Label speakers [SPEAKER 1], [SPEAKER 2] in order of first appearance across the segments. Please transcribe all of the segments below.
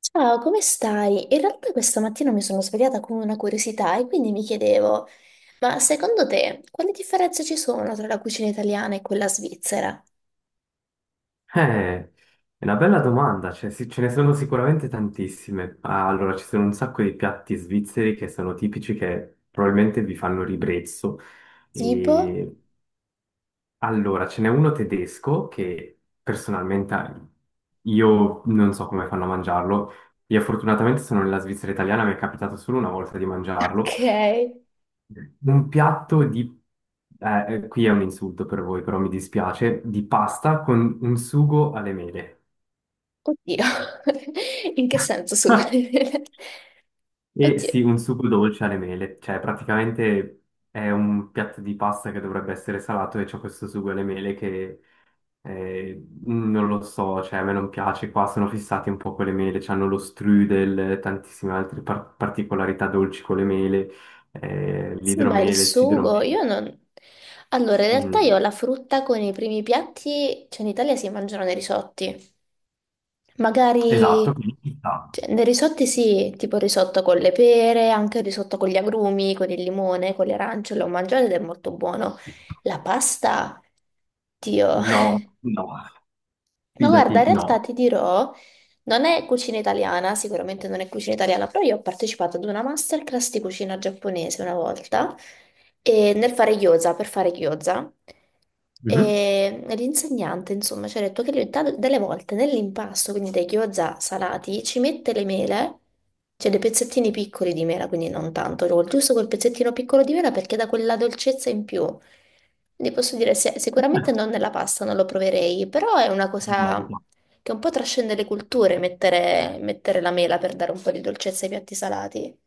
[SPEAKER 1] Ciao, come stai? In realtà questa mattina mi sono svegliata con una curiosità e quindi mi chiedevo, ma secondo te quali differenze ci sono tra la cucina italiana e quella svizzera?
[SPEAKER 2] Eh, è una bella domanda, cioè, sì, ce ne sono sicuramente tantissime. Allora, ci sono un sacco di piatti svizzeri che sono tipici, che probabilmente vi fanno ribrezzo.
[SPEAKER 1] Tipo?
[SPEAKER 2] E allora, ce n'è uno tedesco che personalmente io non so come fanno a mangiarlo. Io fortunatamente sono nella Svizzera italiana, mi è capitato solo una volta di mangiarlo.
[SPEAKER 1] Ok.
[SPEAKER 2] Un piatto di... qui è un insulto per voi, però mi dispiace, di pasta con un sugo alle mele.
[SPEAKER 1] Oddio. In che senso sugo?
[SPEAKER 2] E sì,
[SPEAKER 1] Oddio.
[SPEAKER 2] un sugo dolce alle mele, cioè praticamente è un piatto di pasta che dovrebbe essere salato e c'è questo sugo alle mele che non lo so, cioè a me non piace, qua sono fissati un po' con le mele, hanno lo strudel, tantissime altre particolarità dolci con le mele,
[SPEAKER 1] Sì, ma il
[SPEAKER 2] l'idromele, il
[SPEAKER 1] sugo,
[SPEAKER 2] sidromele.
[SPEAKER 1] io non... Allora, in realtà io
[SPEAKER 2] Mm,
[SPEAKER 1] la frutta con i primi piatti, cioè in Italia si mangiano nei risotti. Magari
[SPEAKER 2] esatto, quindi ci sta.
[SPEAKER 1] cioè, nei risotti sì, tipo il risotto con le pere, anche il risotto con gli agrumi, con il limone, con le arance, l'ho mangiato ed è molto buono. La pasta, Dio,
[SPEAKER 2] No, no,
[SPEAKER 1] Ma guarda, in
[SPEAKER 2] fidati,
[SPEAKER 1] realtà
[SPEAKER 2] no.
[SPEAKER 1] ti dirò, non è cucina italiana, sicuramente non è cucina italiana, però io ho partecipato ad una masterclass di cucina giapponese una volta, e nel fare gyoza, per fare gyoza,
[SPEAKER 2] Mhm.
[SPEAKER 1] e l'insegnante, insomma, ci ha detto che lui delle volte nell'impasto, quindi dei gyoza salati, ci mette le mele, cioè dei pezzettini piccoli di mela, quindi non tanto, giusto quel pezzettino piccolo di mela perché dà quella dolcezza in più. Ne posso dire, sicuramente
[SPEAKER 2] Eh,
[SPEAKER 1] non nella pasta, non lo proverei, però è una
[SPEAKER 2] No,
[SPEAKER 1] cosa
[SPEAKER 2] no.
[SPEAKER 1] che un po' trascende le culture, mettere la mela per dare un po' di dolcezza ai piatti salati.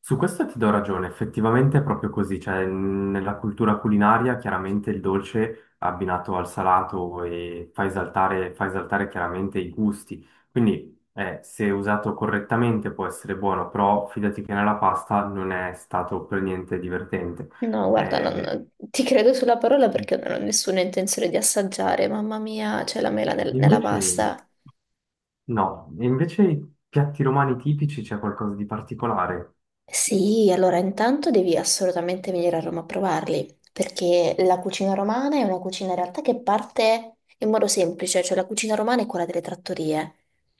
[SPEAKER 2] Su questo ti do ragione, effettivamente è proprio così, cioè nella cultura culinaria chiaramente il dolce abbinato al salato e fa esaltare chiaramente i gusti, quindi se usato correttamente può essere buono, però fidati che nella pasta non è stato per niente divertente.
[SPEAKER 1] No, guarda,
[SPEAKER 2] Eh,
[SPEAKER 1] non, ti credo sulla parola perché non ho nessuna intenzione di assaggiare, mamma mia, c'è la mela nella
[SPEAKER 2] invece
[SPEAKER 1] pasta.
[SPEAKER 2] no, E invece i piatti romani tipici c'è qualcosa di particolare?
[SPEAKER 1] Sì, allora intanto devi assolutamente venire a Roma a provarli, perché la cucina romana è una cucina in realtà che parte in modo semplice, cioè la cucina romana è quella delle trattorie,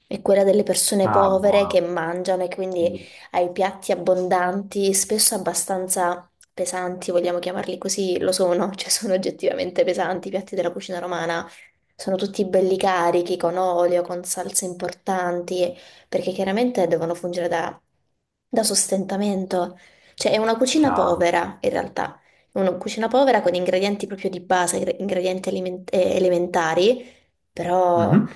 [SPEAKER 1] è quella delle persone
[SPEAKER 2] Ah,
[SPEAKER 1] povere che
[SPEAKER 2] buono,
[SPEAKER 1] mangiano e quindi
[SPEAKER 2] quindi,
[SPEAKER 1] hai piatti abbondanti, spesso abbastanza pesanti, vogliamo chiamarli così, lo sono, cioè sono oggettivamente pesanti i piatti della cucina romana, sono tutti belli carichi, con olio, con salse importanti perché chiaramente devono fungere da sostentamento. Cioè è una cucina
[SPEAKER 2] chiaro.
[SPEAKER 1] povera in realtà, è una cucina povera con ingredienti proprio di base, ingredienti elementari, però
[SPEAKER 2] Mhm.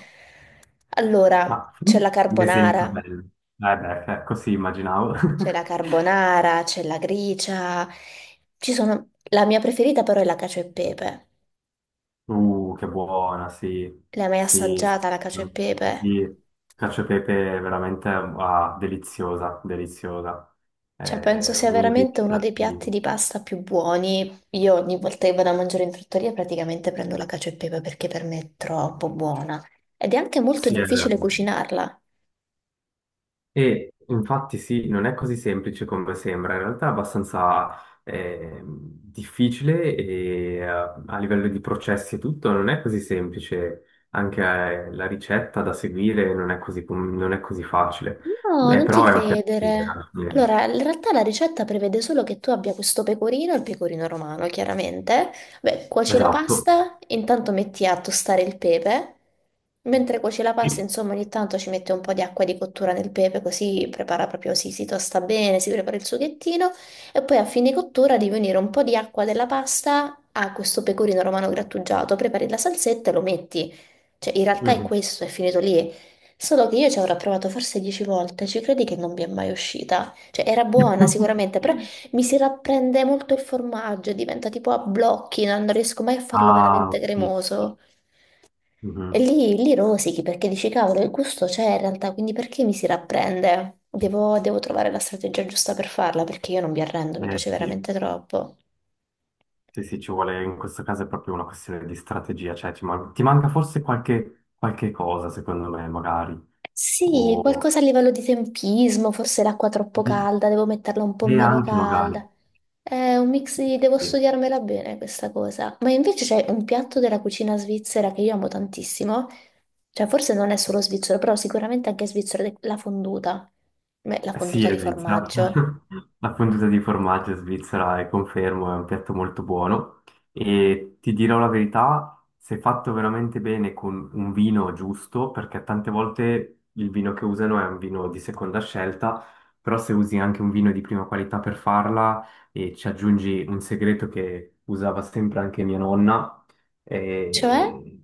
[SPEAKER 1] allora
[SPEAKER 2] Ma
[SPEAKER 1] c'è
[SPEAKER 2] fammi
[SPEAKER 1] la
[SPEAKER 2] un esempio
[SPEAKER 1] carbonara,
[SPEAKER 2] bello. Eh beh, così immaginavo.
[SPEAKER 1] c'è la carbonara, c'è la gricia, ci sono... La mia preferita però è la cacio e pepe.
[SPEAKER 2] Che buona, sì.
[SPEAKER 1] L'hai mai
[SPEAKER 2] Sì, sì.
[SPEAKER 1] assaggiata la cacio e pepe?
[SPEAKER 2] Sì, cacio e pepe è veramente ah, deliziosa, deliziosa.
[SPEAKER 1] Cioè, penso
[SPEAKER 2] È
[SPEAKER 1] sia
[SPEAKER 2] uno dei
[SPEAKER 1] veramente
[SPEAKER 2] più
[SPEAKER 1] uno dei piatti
[SPEAKER 2] piatti.
[SPEAKER 1] di pasta più buoni. Io ogni volta che vado a mangiare in trattoria praticamente prendo la cacio e pepe perché per me è troppo buona. Ed è anche molto
[SPEAKER 2] Sì, è vero.
[SPEAKER 1] difficile cucinarla.
[SPEAKER 2] E infatti sì, non è così semplice come sembra, in realtà è abbastanza difficile e a livello di processi e tutto non è così semplice, anche la ricetta da seguire non è così, non è così facile.
[SPEAKER 1] No,
[SPEAKER 2] Beh,
[SPEAKER 1] non ti
[SPEAKER 2] però è un piatto che
[SPEAKER 1] credere.
[SPEAKER 2] alla fine-
[SPEAKER 1] Allora, in realtà la ricetta prevede solo che tu abbia questo pecorino, il pecorino romano, chiaramente. Beh, cuoci la
[SPEAKER 2] Esatto.
[SPEAKER 1] pasta, intanto metti a tostare il pepe. Mentre cuoci la pasta, insomma, ogni tanto ci mette un po' di acqua di cottura nel pepe, così prepara proprio, si tosta bene, si prepara il sughettino. E poi a fine cottura devi unire un po' di acqua della pasta a questo pecorino romano grattugiato. Prepari la salsetta e lo metti. Cioè, in realtà è
[SPEAKER 2] Mhm.
[SPEAKER 1] questo, è finito lì. Solo che io ci avrò provato forse 10 volte, ci credi che non mi è mai uscita? Cioè, era buona sicuramente, però mi si rapprende molto il formaggio, diventa tipo a blocchi, non riesco mai a farlo
[SPEAKER 2] Ah,
[SPEAKER 1] veramente
[SPEAKER 2] sì, sì.
[SPEAKER 1] cremoso. E
[SPEAKER 2] Mhm.
[SPEAKER 1] lì rosichi perché dici, cavolo, il gusto c'è in realtà, quindi perché mi si rapprende? Devo trovare la strategia giusta per farla, perché io non mi arrendo, mi piace
[SPEAKER 2] Sì.
[SPEAKER 1] veramente troppo.
[SPEAKER 2] Sì, sì, ci vuole, in questo caso è proprio una questione di strategia, cioè ti manca forse qualche, qualche cosa, secondo me, magari,
[SPEAKER 1] Sì,
[SPEAKER 2] o...
[SPEAKER 1] qualcosa a livello di tempismo, forse l'acqua troppo calda, devo metterla un po'
[SPEAKER 2] e
[SPEAKER 1] meno
[SPEAKER 2] anche magari.
[SPEAKER 1] calda. È un mix di... devo
[SPEAKER 2] Sì.
[SPEAKER 1] studiarmela bene questa cosa. Ma invece c'è un piatto della cucina svizzera che io amo tantissimo, cioè forse non è solo svizzero, però sicuramente anche svizzero, ed è la fonduta. Beh, la
[SPEAKER 2] Sì,
[SPEAKER 1] fonduta
[SPEAKER 2] è
[SPEAKER 1] di
[SPEAKER 2] Svizzera.
[SPEAKER 1] formaggio.
[SPEAKER 2] La fonduta di formaggio svizzera è confermo, è un piatto molto buono e ti dirò la verità, se fatto veramente bene con un vino giusto, perché tante volte il vino che usano è un vino di seconda scelta, però se usi anche un vino di prima qualità per farla e ci aggiungi un segreto che usava sempre anche mia nonna,
[SPEAKER 1] Cioè
[SPEAKER 2] eh,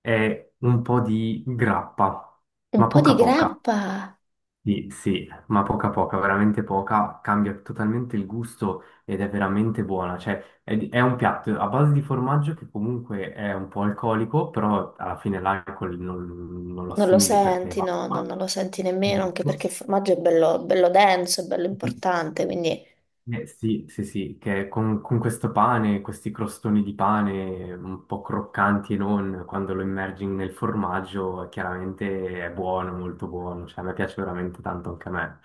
[SPEAKER 2] è un po' di grappa,
[SPEAKER 1] un
[SPEAKER 2] ma
[SPEAKER 1] po' di
[SPEAKER 2] poca poca.
[SPEAKER 1] grappa.
[SPEAKER 2] Sì, sì, ma poca poca, veramente poca, cambia totalmente il gusto ed è veramente buona, cioè è, è un piatto a base di formaggio che comunque è un po' alcolico, però alla fine l'alcol non, non lo
[SPEAKER 1] Non lo
[SPEAKER 2] assimili perché
[SPEAKER 1] senti,
[SPEAKER 2] va.
[SPEAKER 1] no, no, non lo senti nemmeno, anche perché il formaggio è bello denso, è bello importante, quindi...
[SPEAKER 2] Sì, sì, sì, che con questo pane, questi crostoni di pane un po' croccanti e non, quando lo immergi nel formaggio, chiaramente è buono, molto buono, cioè a me piace veramente tanto anche a me.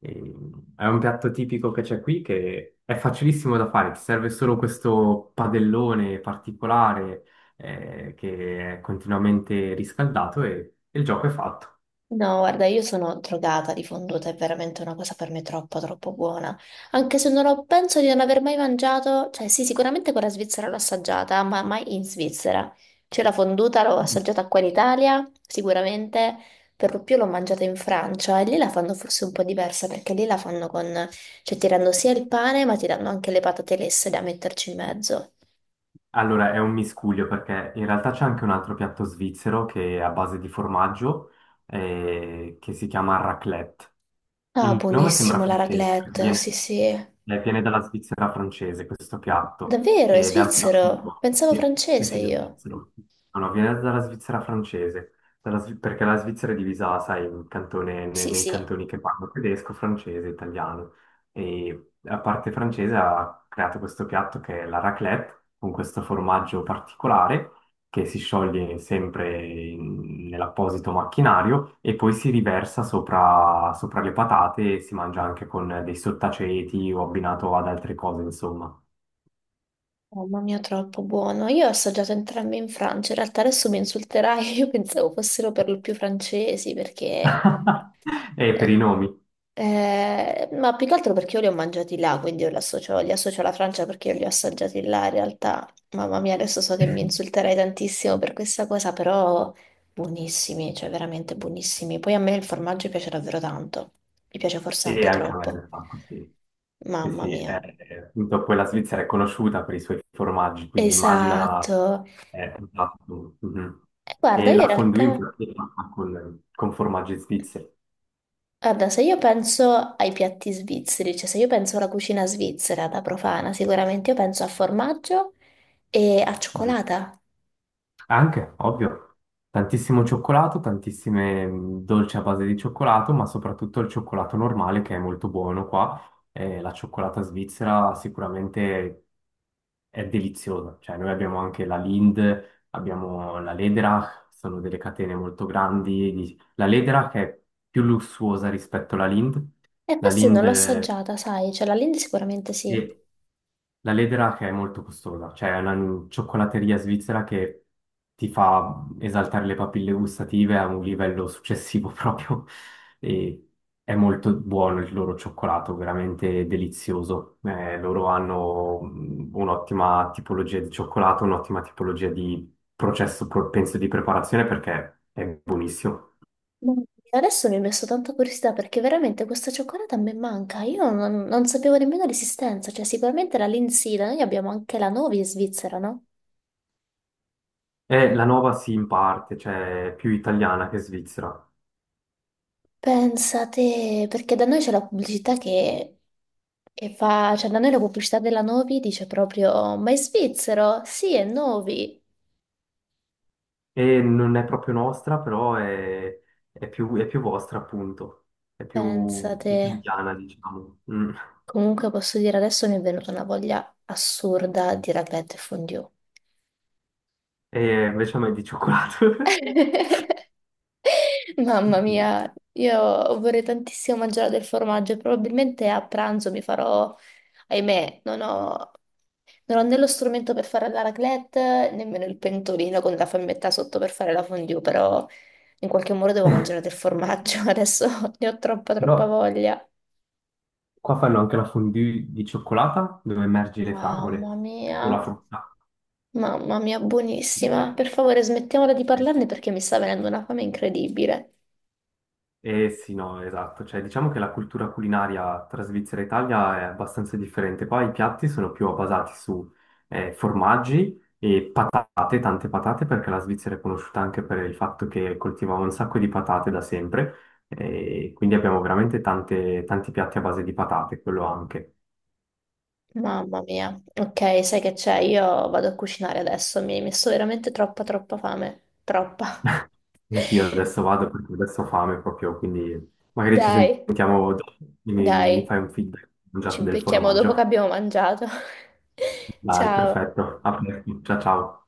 [SPEAKER 2] È un piatto tipico che c'è qui che è facilissimo da fare, ti serve solo questo padellone particolare che è continuamente riscaldato e il gioco è fatto.
[SPEAKER 1] No, guarda, io sono drogata di fonduta, è veramente una cosa per me troppo buona. Anche se non ho, penso di non aver mai mangiato, cioè sì, sicuramente quella svizzera l'ho assaggiata, ma mai in Svizzera. Cioè la fonduta l'ho
[SPEAKER 2] Mm.
[SPEAKER 1] assaggiata qua in Italia, sicuramente, per lo più l'ho mangiata in Francia e lì la fanno forse un po' diversa perché lì la fanno con, cioè ti danno sia il pane, ma ti danno anche le patate lesse da metterci in mezzo.
[SPEAKER 2] Allora è un miscuglio perché in realtà c'è anche un altro piatto svizzero che è a base di formaggio che si chiama raclette.
[SPEAKER 1] Ah,
[SPEAKER 2] Il nome sembra
[SPEAKER 1] buonissimo la
[SPEAKER 2] francese, perché
[SPEAKER 1] raclette, sì
[SPEAKER 2] viene,
[SPEAKER 1] sì.
[SPEAKER 2] viene dalla Svizzera francese questo piatto,
[SPEAKER 1] Davvero, è
[SPEAKER 2] ed è
[SPEAKER 1] svizzero?
[SPEAKER 2] appunto,
[SPEAKER 1] Pensavo
[SPEAKER 2] sì, sì,
[SPEAKER 1] francese
[SPEAKER 2] sì, lo
[SPEAKER 1] io.
[SPEAKER 2] svizzero. No, no, viene dalla Svizzera francese, perché la Svizzera è divisa, sai, in
[SPEAKER 1] Sì,
[SPEAKER 2] nei
[SPEAKER 1] sì,
[SPEAKER 2] cantoni che parlano tedesco, francese, italiano, e la parte francese ha creato questo piatto che è la raclette, con questo formaggio particolare, che si scioglie sempre nell'apposito macchinario e poi si riversa sopra, sopra le patate e si mangia anche con dei sottaceti o abbinato ad altre cose, insomma.
[SPEAKER 1] oh, mamma mia, troppo buono. Io ho assaggiato entrambi in Francia, in realtà adesso mi insulterai, io pensavo fossero per lo più francesi perché...
[SPEAKER 2] E per i
[SPEAKER 1] eh,
[SPEAKER 2] nomi.
[SPEAKER 1] ma più che altro perché io li ho mangiati là, quindi io li li associo alla Francia perché io li ho assaggiati là in realtà. Mamma mia, adesso so che mi insulterai tantissimo per questa cosa, però buonissimi, cioè veramente buonissimi. Poi a me il formaggio piace davvero tanto, mi piace forse
[SPEAKER 2] E
[SPEAKER 1] anche
[SPEAKER 2] anche a me
[SPEAKER 1] troppo.
[SPEAKER 2] mi fa così. Sì,
[SPEAKER 1] Mamma
[SPEAKER 2] sì,
[SPEAKER 1] mia.
[SPEAKER 2] appunto poi la Svizzera è conosciuta per i suoi formaggi, quindi immagina...
[SPEAKER 1] Esatto.
[SPEAKER 2] esatto, mhm.
[SPEAKER 1] E guarda,
[SPEAKER 2] E
[SPEAKER 1] io in
[SPEAKER 2] la fondue
[SPEAKER 1] realtà,
[SPEAKER 2] infatti è fatta con formaggi svizzeri.
[SPEAKER 1] guarda, se io penso ai piatti svizzeri, cioè se io penso alla cucina svizzera da profana, sicuramente io penso a formaggio e a cioccolata.
[SPEAKER 2] Anche, ovvio, tantissimo cioccolato, tantissime dolci a base di cioccolato, ma soprattutto il cioccolato normale che è molto buono qua. La cioccolata svizzera sicuramente è deliziosa. Cioè, noi abbiamo anche la Lind, abbiamo la Lederach, sono delle catene molto grandi. La Lederach è più lussuosa rispetto alla Lind.
[SPEAKER 1] E
[SPEAKER 2] La
[SPEAKER 1] questa non
[SPEAKER 2] Lind
[SPEAKER 1] l'ho assaggiata, sai, cioè la Lindt sicuramente sì.
[SPEAKER 2] è la Ledra che è molto costosa, cioè è una cioccolateria svizzera che ti fa esaltare le papille gustative a un livello successivo proprio e è molto buono il loro cioccolato, veramente delizioso. Loro hanno un'ottima tipologia di cioccolato, un'ottima tipologia di processo, penso, di preparazione perché è buonissimo.
[SPEAKER 1] Ma adesso mi è messo tanta curiosità perché veramente questa cioccolata a me manca. Io non, non sapevo nemmeno l'esistenza, cioè sicuramente la Lindt sì, da noi abbiamo anche la Novi in Svizzera, no?
[SPEAKER 2] E la nuova sì, in parte, cioè è più italiana che svizzera.
[SPEAKER 1] Pensate, perché da noi c'è la pubblicità che fa, cioè da noi la pubblicità della Novi dice proprio, ma è svizzero? Sì, è Novi.
[SPEAKER 2] E non è proprio nostra, però è più vostra, appunto. È più
[SPEAKER 1] Pensate,
[SPEAKER 2] italiana, diciamo. Mm.
[SPEAKER 1] comunque posso dire adesso mi è venuta una voglia assurda di raclette e fondue.
[SPEAKER 2] E invece a me è di cioccolato.
[SPEAKER 1] Mamma
[SPEAKER 2] Sì.
[SPEAKER 1] mia, io vorrei tantissimo mangiare del formaggio e probabilmente a pranzo mi farò ahimè, non ho né lo strumento per fare la raclette, nemmeno il pentolino con la fiammetta sotto per fare la fondue, però in qualche modo devo mangiare del formaggio, adesso ne ho troppa
[SPEAKER 2] Però
[SPEAKER 1] troppa voglia.
[SPEAKER 2] qua fanno anche la fondue di cioccolata dove immergi le fragole
[SPEAKER 1] Mamma mia,
[SPEAKER 2] o la frutta.
[SPEAKER 1] mamma mia, buonissima. Per favore, smettiamola di
[SPEAKER 2] Sì.
[SPEAKER 1] parlarne perché mi sta venendo una fame incredibile.
[SPEAKER 2] Eh sì, no, esatto. Cioè, diciamo che la cultura culinaria tra Svizzera e Italia è abbastanza differente. Qua i piatti sono più basati su formaggi e patate, tante patate, perché la Svizzera è conosciuta anche per il fatto che coltivava un sacco di patate da sempre. E quindi abbiamo veramente tanti piatti a base di patate, quello anche.
[SPEAKER 1] Mamma mia. Ok, sai che c'è? Io vado a cucinare adesso, mi hai messo veramente troppa troppa fame. Troppa.
[SPEAKER 2] Anch'io adesso vado perché adesso ho fame proprio, quindi magari ci
[SPEAKER 1] Dai,
[SPEAKER 2] sentiamo dopo. Mi
[SPEAKER 1] dai.
[SPEAKER 2] fai un feedback, ho mangiato
[SPEAKER 1] Ci
[SPEAKER 2] del
[SPEAKER 1] becchiamo dopo che
[SPEAKER 2] formaggio.
[SPEAKER 1] abbiamo mangiato.
[SPEAKER 2] Dai,
[SPEAKER 1] Ciao.
[SPEAKER 2] perfetto. A presto. Ciao ciao.